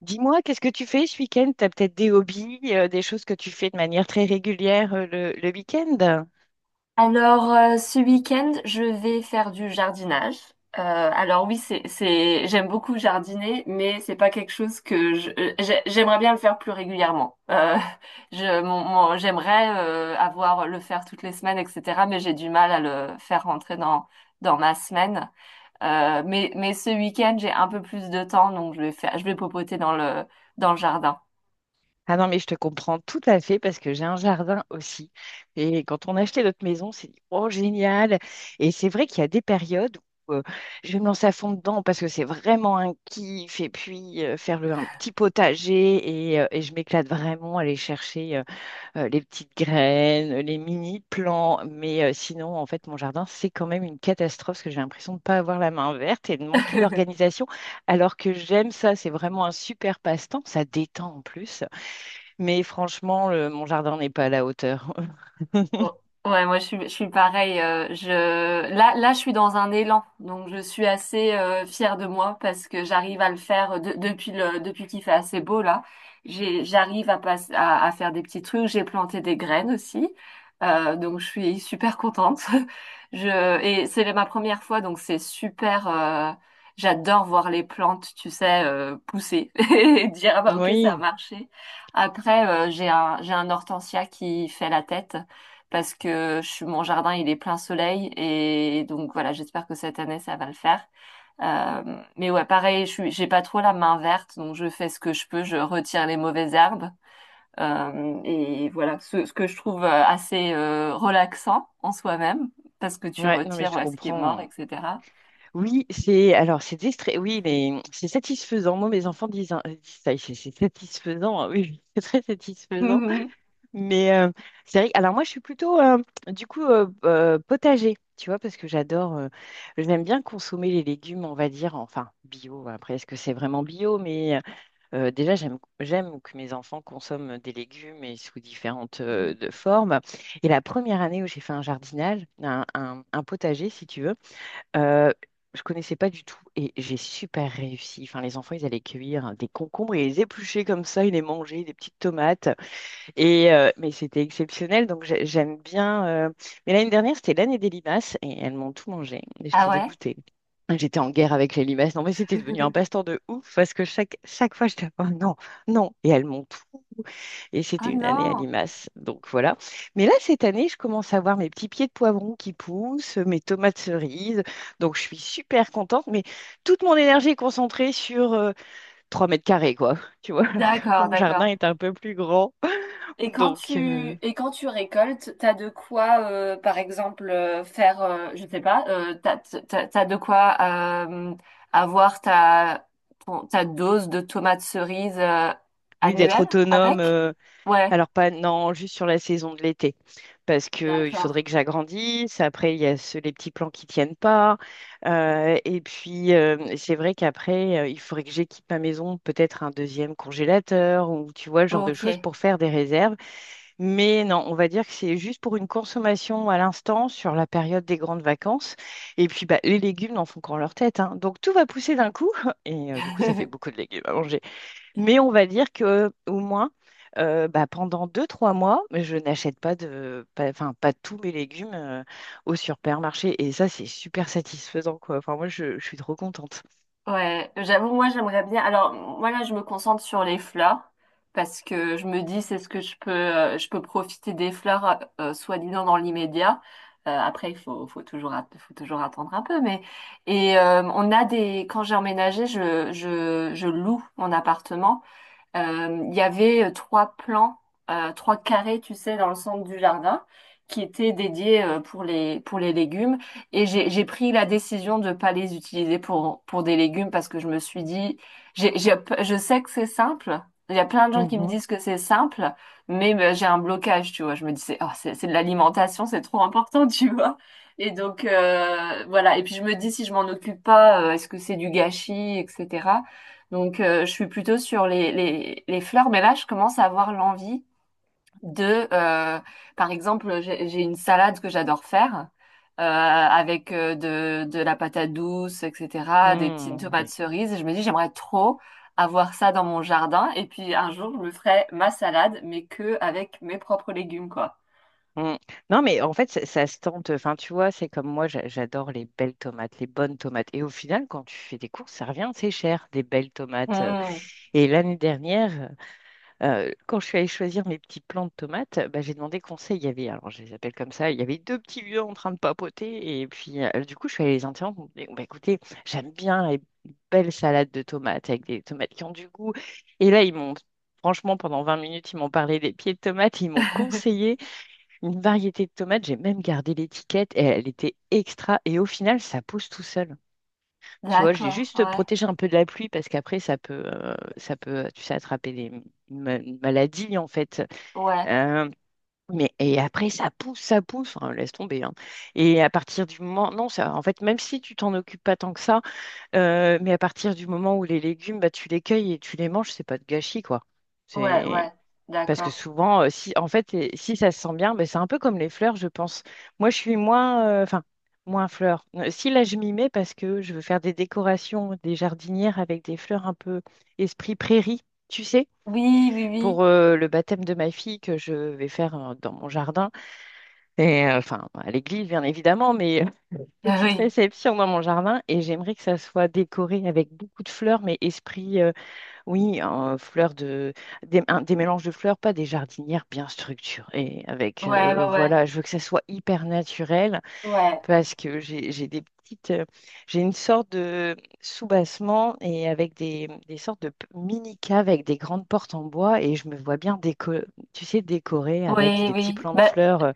Dis-moi, qu'est-ce que tu fais ce week-end? Tu as peut-être des hobbies, des choses que tu fais de manière très régulière le week-end? Alors, ce week-end, je vais faire du jardinage. Euh, alors oui, c'est, j'aime beaucoup jardiner, mais c'est pas quelque chose que j'aimerais bien le faire plus régulièrement. J'aimerais avoir le faire toutes les semaines, etc. Mais j'ai du mal à le faire rentrer dans ma semaine. Mais ce week-end, j'ai un peu plus de temps, donc je vais popoter dans le jardin. Ah non, mais je te comprends tout à fait parce que j'ai un jardin aussi. Et quand on a acheté notre maison, on s'est dit, oh, génial! Et c'est vrai qu'il y a des périodes où je vais me lancer à fond dedans parce que c'est vraiment un kiff. Et puis, faire un petit potager et je m'éclate vraiment à aller chercher les petites graines, les mini-plants. Mais sinon, en fait, mon jardin, c'est quand même une catastrophe parce que j'ai l'impression de ne pas avoir la main verte et de manquer d'organisation. Alors que j'aime ça, c'est vraiment un super passe-temps. Ça détend en plus. Mais franchement, mon jardin n'est pas à la hauteur. Oh, ouais, moi je suis pareil. Là, je suis dans un élan, donc je suis assez fière de moi parce que j'arrive à le faire depuis depuis qu'il fait assez beau là. J'arrive à, à faire des petits trucs. J'ai planté des graines aussi, donc je suis super contente. Et c'est ma première fois, donc c'est super. J'adore voir les plantes, tu sais, pousser et dire ah bah ok ça Oui, a marché. Après, j'ai un hortensia qui fait la tête parce que mon jardin il est plein soleil et donc voilà j'espère que cette année ça va le faire. Mais ouais pareil je suis j'ai pas trop la main verte donc je fais ce que je peux, je retire les mauvaises herbes et voilà ce que je trouve assez relaxant en soi-même parce que tu ouais, non, mais retires je ouais, ce qui est mort comprends. etc. Oui, oui, mais c'est satisfaisant. Moi, mes enfants disent, disent ça, c'est satisfaisant, hein. Oui, c'est très satisfaisant. Mais c'est vrai, alors moi je suis plutôt du coup potager, tu vois, parce que j'adore, j'aime bien consommer les légumes, on va dire, enfin bio, après est-ce que c'est vraiment bio, mais déjà j'aime que mes enfants consomment des légumes et sous différentes de formes. Et la première année où j'ai fait un jardinage, un potager si tu veux, euh, je connaissais pas du tout et j'ai super réussi. Enfin les enfants ils allaient cueillir des concombres et les éplucher comme ça, ils les mangeaient, des petites tomates. Et mais c'était exceptionnel, donc j'aime bien. Mais l'année dernière, c'était l'année des limaces et elles m'ont tout mangé. Et Ah j'étais ouais? dégoûtée. J'étais en guerre avec les limaces. Non, mais c'était devenu un passe-temps de ouf parce que chaque fois, j'étais oh, non, non. Et elles m'ont tout. Et Ah c'était une année à non. limaces. Donc voilà. Mais là, cette année, je commence à voir mes petits pieds de poivron qui poussent, mes tomates cerises. Donc je suis super contente. Mais toute mon énergie est concentrée sur 3 mètres carrés, quoi. Tu vois, alors que D'accord, mon jardin d'accord. est un peu plus grand. Et quand Donc, tu et quand tu récoltes, t'as de quoi, par exemple, faire, je sais pas, t'as de quoi euh, avoir ta ta dose de tomates cerises oui, d'être annuelle autonome. avec? Ouais, Alors, pas, non, juste sur la saison de l'été. Parce que il d'accord. faudrait que j'agrandisse. Après, il y a les petits plans qui tiennent pas. Et puis, c'est vrai qu'après, il faudrait que j'équipe ma maison, peut-être un deuxième congélateur ou tu vois, le genre de Ok. choses pour faire des réserves. Mais non, on va dire que c'est juste pour une consommation à l'instant sur la période des grandes vacances. Et puis, bah, les légumes n'en font qu'en leur tête, hein. Donc, tout va pousser d'un coup. Et du coup, ça fait beaucoup de légumes à manger. Mais on va dire que au moins, bah, pendant 2, 3 mois, je n'achète pas de, pas- enfin pas tous mes légumes au supermarché. Et ça, c'est super satisfaisant, quoi. Enfin, moi, je suis trop contente. Ouais, j'avoue, moi j'aimerais bien. Alors moi là, je me concentre sur les fleurs parce que je me dis c'est ce que je peux profiter des fleurs soi-disant dans l'immédiat. Après, faut toujours, faut toujours attendre un peu. Mais et on a des. Quand j'ai emménagé, je loue mon appartement il y avait trois plans, trois carrés, tu sais, dans le centre du jardin, qui étaient dédiés pour les légumes. J'ai pris la décision de ne pas les utiliser pour des légumes parce que je me suis dit, j'ai, j'ai- je sais que c'est simple. Il y a plein de gens qui me Mhm. disent que c'est simple, mais j'ai un blocage, tu vois. Je me dis, c'est oh, c'est de l'alimentation, c'est trop important, tu vois. Et donc voilà. Et puis je me dis, si je m'en occupe pas, est-ce que c'est du gâchis, etc. Donc, je suis plutôt sur les fleurs, mais là, je commence à avoir l'envie de, euh, par exemple, j'ai une salade que j'adore faire avec de la patate douce, etc., des petites Mm, tomates oui. cerises. Je me dis, j'aimerais trop avoir ça dans mon jardin. Et puis, un jour, je me ferai ma salade, mais que avec mes propres légumes, quoi. Mm. Non, mais en fait, ça se tente. Enfin, tu vois, c'est comme moi, j'adore les belles tomates, les bonnes tomates. Et au final, quand tu fais des courses, ça revient, c'est cher, des belles tomates. Hmm. Et l'année dernière, quand je suis allée choisir mes petits plants de tomates, bah, j'ai demandé conseil. Il y avait, alors je les appelle comme ça, il y avait deux petits vieux en train de papoter. Et puis, du coup, je suis allée les interrompre. Je me dis, bah, écoutez, j'aime bien les belles salades de tomates avec des tomates qui ont du goût. Et là, ils m'ont, franchement, pendant 20 minutes, ils m'ont parlé des pieds de tomates. Ils m'ont conseillé une variété de tomates. J'ai même gardé l'étiquette. Et elle était extra. Et au final, ça pousse tout seul. Tu vois, je l'ai D'accord, juste ouais, protégé un peu de la pluie parce qu'après, ça peut, tu sais, attraper des une maladie, en fait. ouais, Euh, mais, et après, ça pousse, enfin, laisse tomber, hein. Et à partir du moment, non, ça, en fait, même si tu t'en occupes pas tant que ça, mais à partir du moment où les légumes, bah, tu les cueilles et tu les manges, c'est pas de gâchis, quoi. ouais, C'est ouais, parce que d'accord. souvent, si, en fait, si ça se sent bien, ben, c'est un peu comme les fleurs, je pense. Moi, je suis moins, enfin, moins fleur. Si là, je m'y mets parce que je veux faire des décorations, des jardinières avec des fleurs un peu esprit prairie, tu sais, Oui, oui, oui. pour le baptême de ma fille que je vais faire dans mon jardin. Et enfin, à l'église, bien évidemment, mais Ah petite oui, réception dans mon jardin. Et j'aimerais que ça soit décoré avec beaucoup de fleurs, mais esprit oui, un fleur de, des, un- des mélanges de fleurs, pas des jardinières bien structurées. Avec, ouais, ouais, ouais. voilà, je veux que ça soit hyper naturel Ouais. parce que j'ai une sorte de soubassement et avec des sortes de mini caves avec des grandes portes en bois et je me vois bien tu sais, décorer avec Oui, des petits oui. plants de Ben, fleurs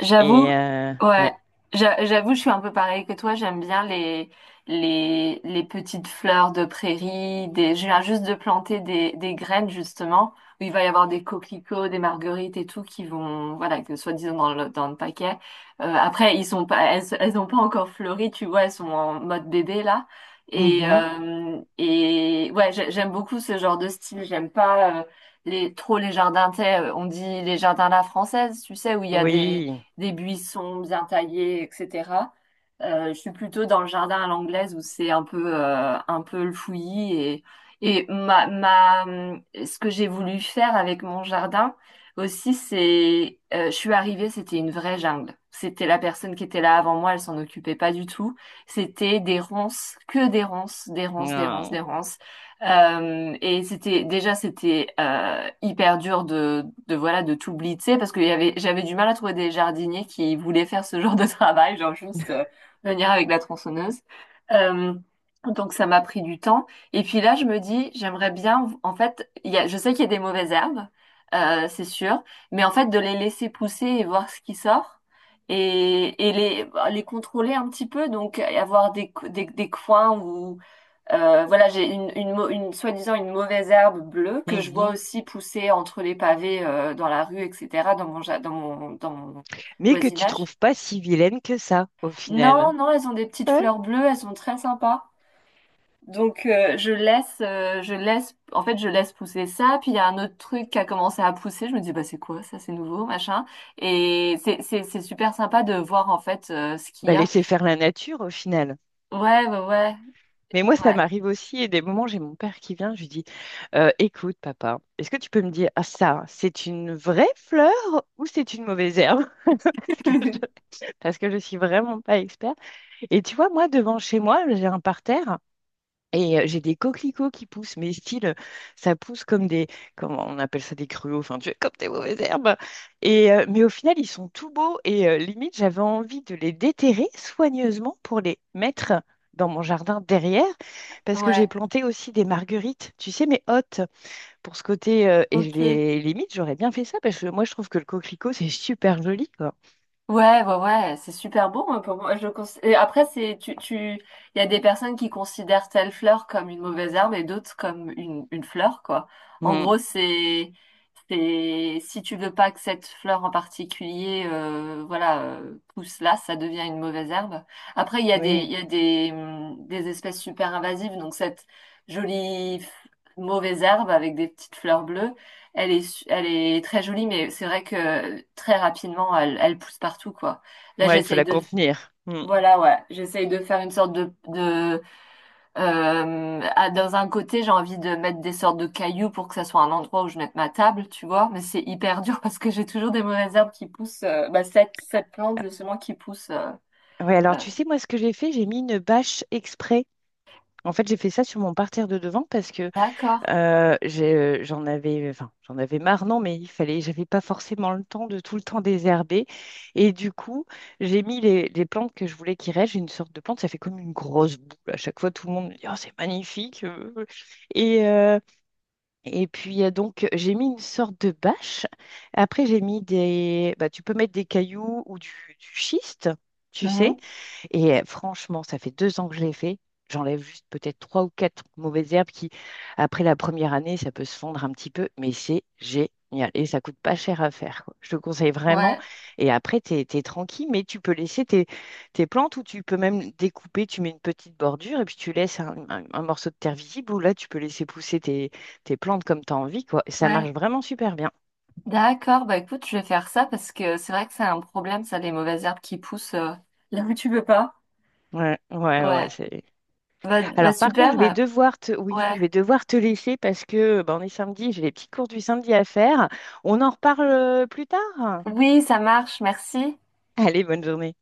j'avoue, et euh, ouais. ouais, j'avoue, je suis un peu pareil que toi. J'aime bien les petites fleurs de prairie. Des... Je viens juste de planter des graines, justement, où il va y avoir des coquelicots, des marguerites et tout qui vont, voilà, que soi-disant dans dans le paquet. Après, ils sont pas, elles, elles ont pas encore fleuri, tu vois, elles sont en mode bébé, là. Mhm. Et ouais, j'aime beaucoup ce genre de style. J'aime pas trop les jardins, tu sais, on dit les jardins à la française, tu sais, où il y a des Oui. Buissons bien taillés, etc. Je suis plutôt dans le jardin à l'anglaise où c'est un peu le fouillis et, ma, ce que j'ai voulu faire avec mon jardin aussi, c'est, je suis arrivée, c'était une vraie jungle. C'était la personne qui était là avant moi, elle s'en occupait pas du tout. C'était des ronces, que des ronces, des ronces, des ronces, Ah. des ronces. C'était hyper dur de voilà de tout blitzer parce que il y avait j'avais du mal à trouver des jardiniers qui voulaient faire ce genre de travail, genre juste venir avec la tronçonneuse. Euh, donc ça m'a pris du temps. Et puis là je me dis j'aimerais bien en fait je sais qu'il y a des mauvaises herbes, c'est sûr, mais en fait de les laisser pousser et voir ce qui sort. Et, bah, les contrôler un petit peu, donc avoir des coins où voilà, j'ai une soi-disant une mauvaise herbe bleue que je vois Mhm. aussi pousser entre les pavés dans la rue, etc., dans mon, ja- dans mon Mais que tu voisinage. trouves pas si vilaine que ça au Non, final. non, elles ont des petites fleurs bleues, elles sont très sympas. Donc en fait je laisse pousser ça. Puis il y a un autre truc qui a commencé à pousser. Je me dis bah c'est quoi ça, c'est nouveau, machin. Et c'est super sympa de voir en fait ce qu'il Bah, y a. laisser faire la nature au final. Ouais, ouais, ouais, Mais moi, ça ouais. m'arrive aussi, et des moments, j'ai mon père qui vient, je lui dis, écoute, papa, est-ce que tu peux me dire, ah ça, c'est une vraie fleur ou c'est une mauvaise herbe? Parce que je, parce que je suis vraiment pas expert. Et tu vois, moi, devant chez moi, j'ai un parterre. Et j'ai des coquelicots qui poussent, mais style, ça pousse comme comment on appelle ça, des gruaux, enfin, tu comme des mauvaises herbes. Et, mais au final, ils sont tout beaux et limite, j'avais envie de les déterrer soigneusement pour les mettre dans mon jardin derrière, parce que j'ai Ouais. planté aussi des marguerites, tu sais, mais hautes, pour ce côté, et je Ok. les limite, j'aurais bien fait ça, parce que moi, je trouve que le coquelicot, c'est super joli, quoi. Ouais, ouais, ouais, c'est super beau, hein, pour moi. Et après, il y a des personnes qui considèrent telle fleur comme une mauvaise herbe et d'autres comme une fleur, quoi. En Mm, gros, c'est, si tu veux pas que cette fleur en particulier, voilà, pousse là, ça devient une mauvaise herbe. Après, il y a des, oui, il y a des espèces super invasives, donc cette jolie f- mauvaise herbe avec des petites fleurs bleues. Elle est, elle est très jolie, mais c'est vrai que très rapidement, elle pousse partout, quoi. Là, ouais, il faut la contenir. Mm. voilà, ouais, j'essaye de faire une sorte dans un côté, j'ai envie de mettre des sortes de cailloux pour que ça soit un endroit où je mette ma table, tu vois. Mais c'est hyper dur parce que j'ai toujours des mauvaises herbes qui poussent, bah, cette plante, justement, qui pousse. Ouais, alors euh, tu sais, moi, ce que j'ai fait, j'ai mis une bâche exprès. En fait, j'ai fait ça sur mon parterre de devant parce que D'accord. euh, j'ai- j'en avais, enfin, j'en avais marre, non, mais il fallait, j'avais pas forcément le temps de tout le temps désherber. Et du coup, j'ai mis les plantes que je voulais qu'ils restent. J'ai une sorte de plante, ça fait comme une grosse boule. À chaque fois, tout le monde me dit, oh, c'est magnifique. Et, euh, et puis, donc, j'ai mis une sorte de bâche. Après, j'ai mis bah, tu peux mettre des cailloux ou du schiste, tu sais. Mhm. Et franchement, ça fait 2 ans que je l'ai fait. J'enlève juste peut-être trois ou quatre mauvaises herbes qui, après la première année, ça peut se fondre un petit peu, mais c'est génial. Et ça coûte pas cher à faire, quoi. Je te conseille vraiment. Ouais, Et après, tu es tranquille, mais tu peux laisser tes plantes ou tu peux même découper, tu mets une petite bordure et puis tu laisses un morceau de terre visible où là, tu peux laisser pousser tes plantes comme tu as envie, quoi. Et ça ouais. marche vraiment super bien. D'accord. Bah, écoute, je vais faire ça parce que c'est vrai que c'est un problème, ça, les mauvaises herbes qui poussent, là où tu veux pas. Ouais, ouais, ouais, Ouais. c'est Bah alors par contre, je vais super. devoir oui, je Ouais. vais devoir te laisser parce que ben, on est samedi, j'ai les petits cours du samedi à faire. On en reparle plus tard. Oui, ça marche, merci. Allez, bonne journée.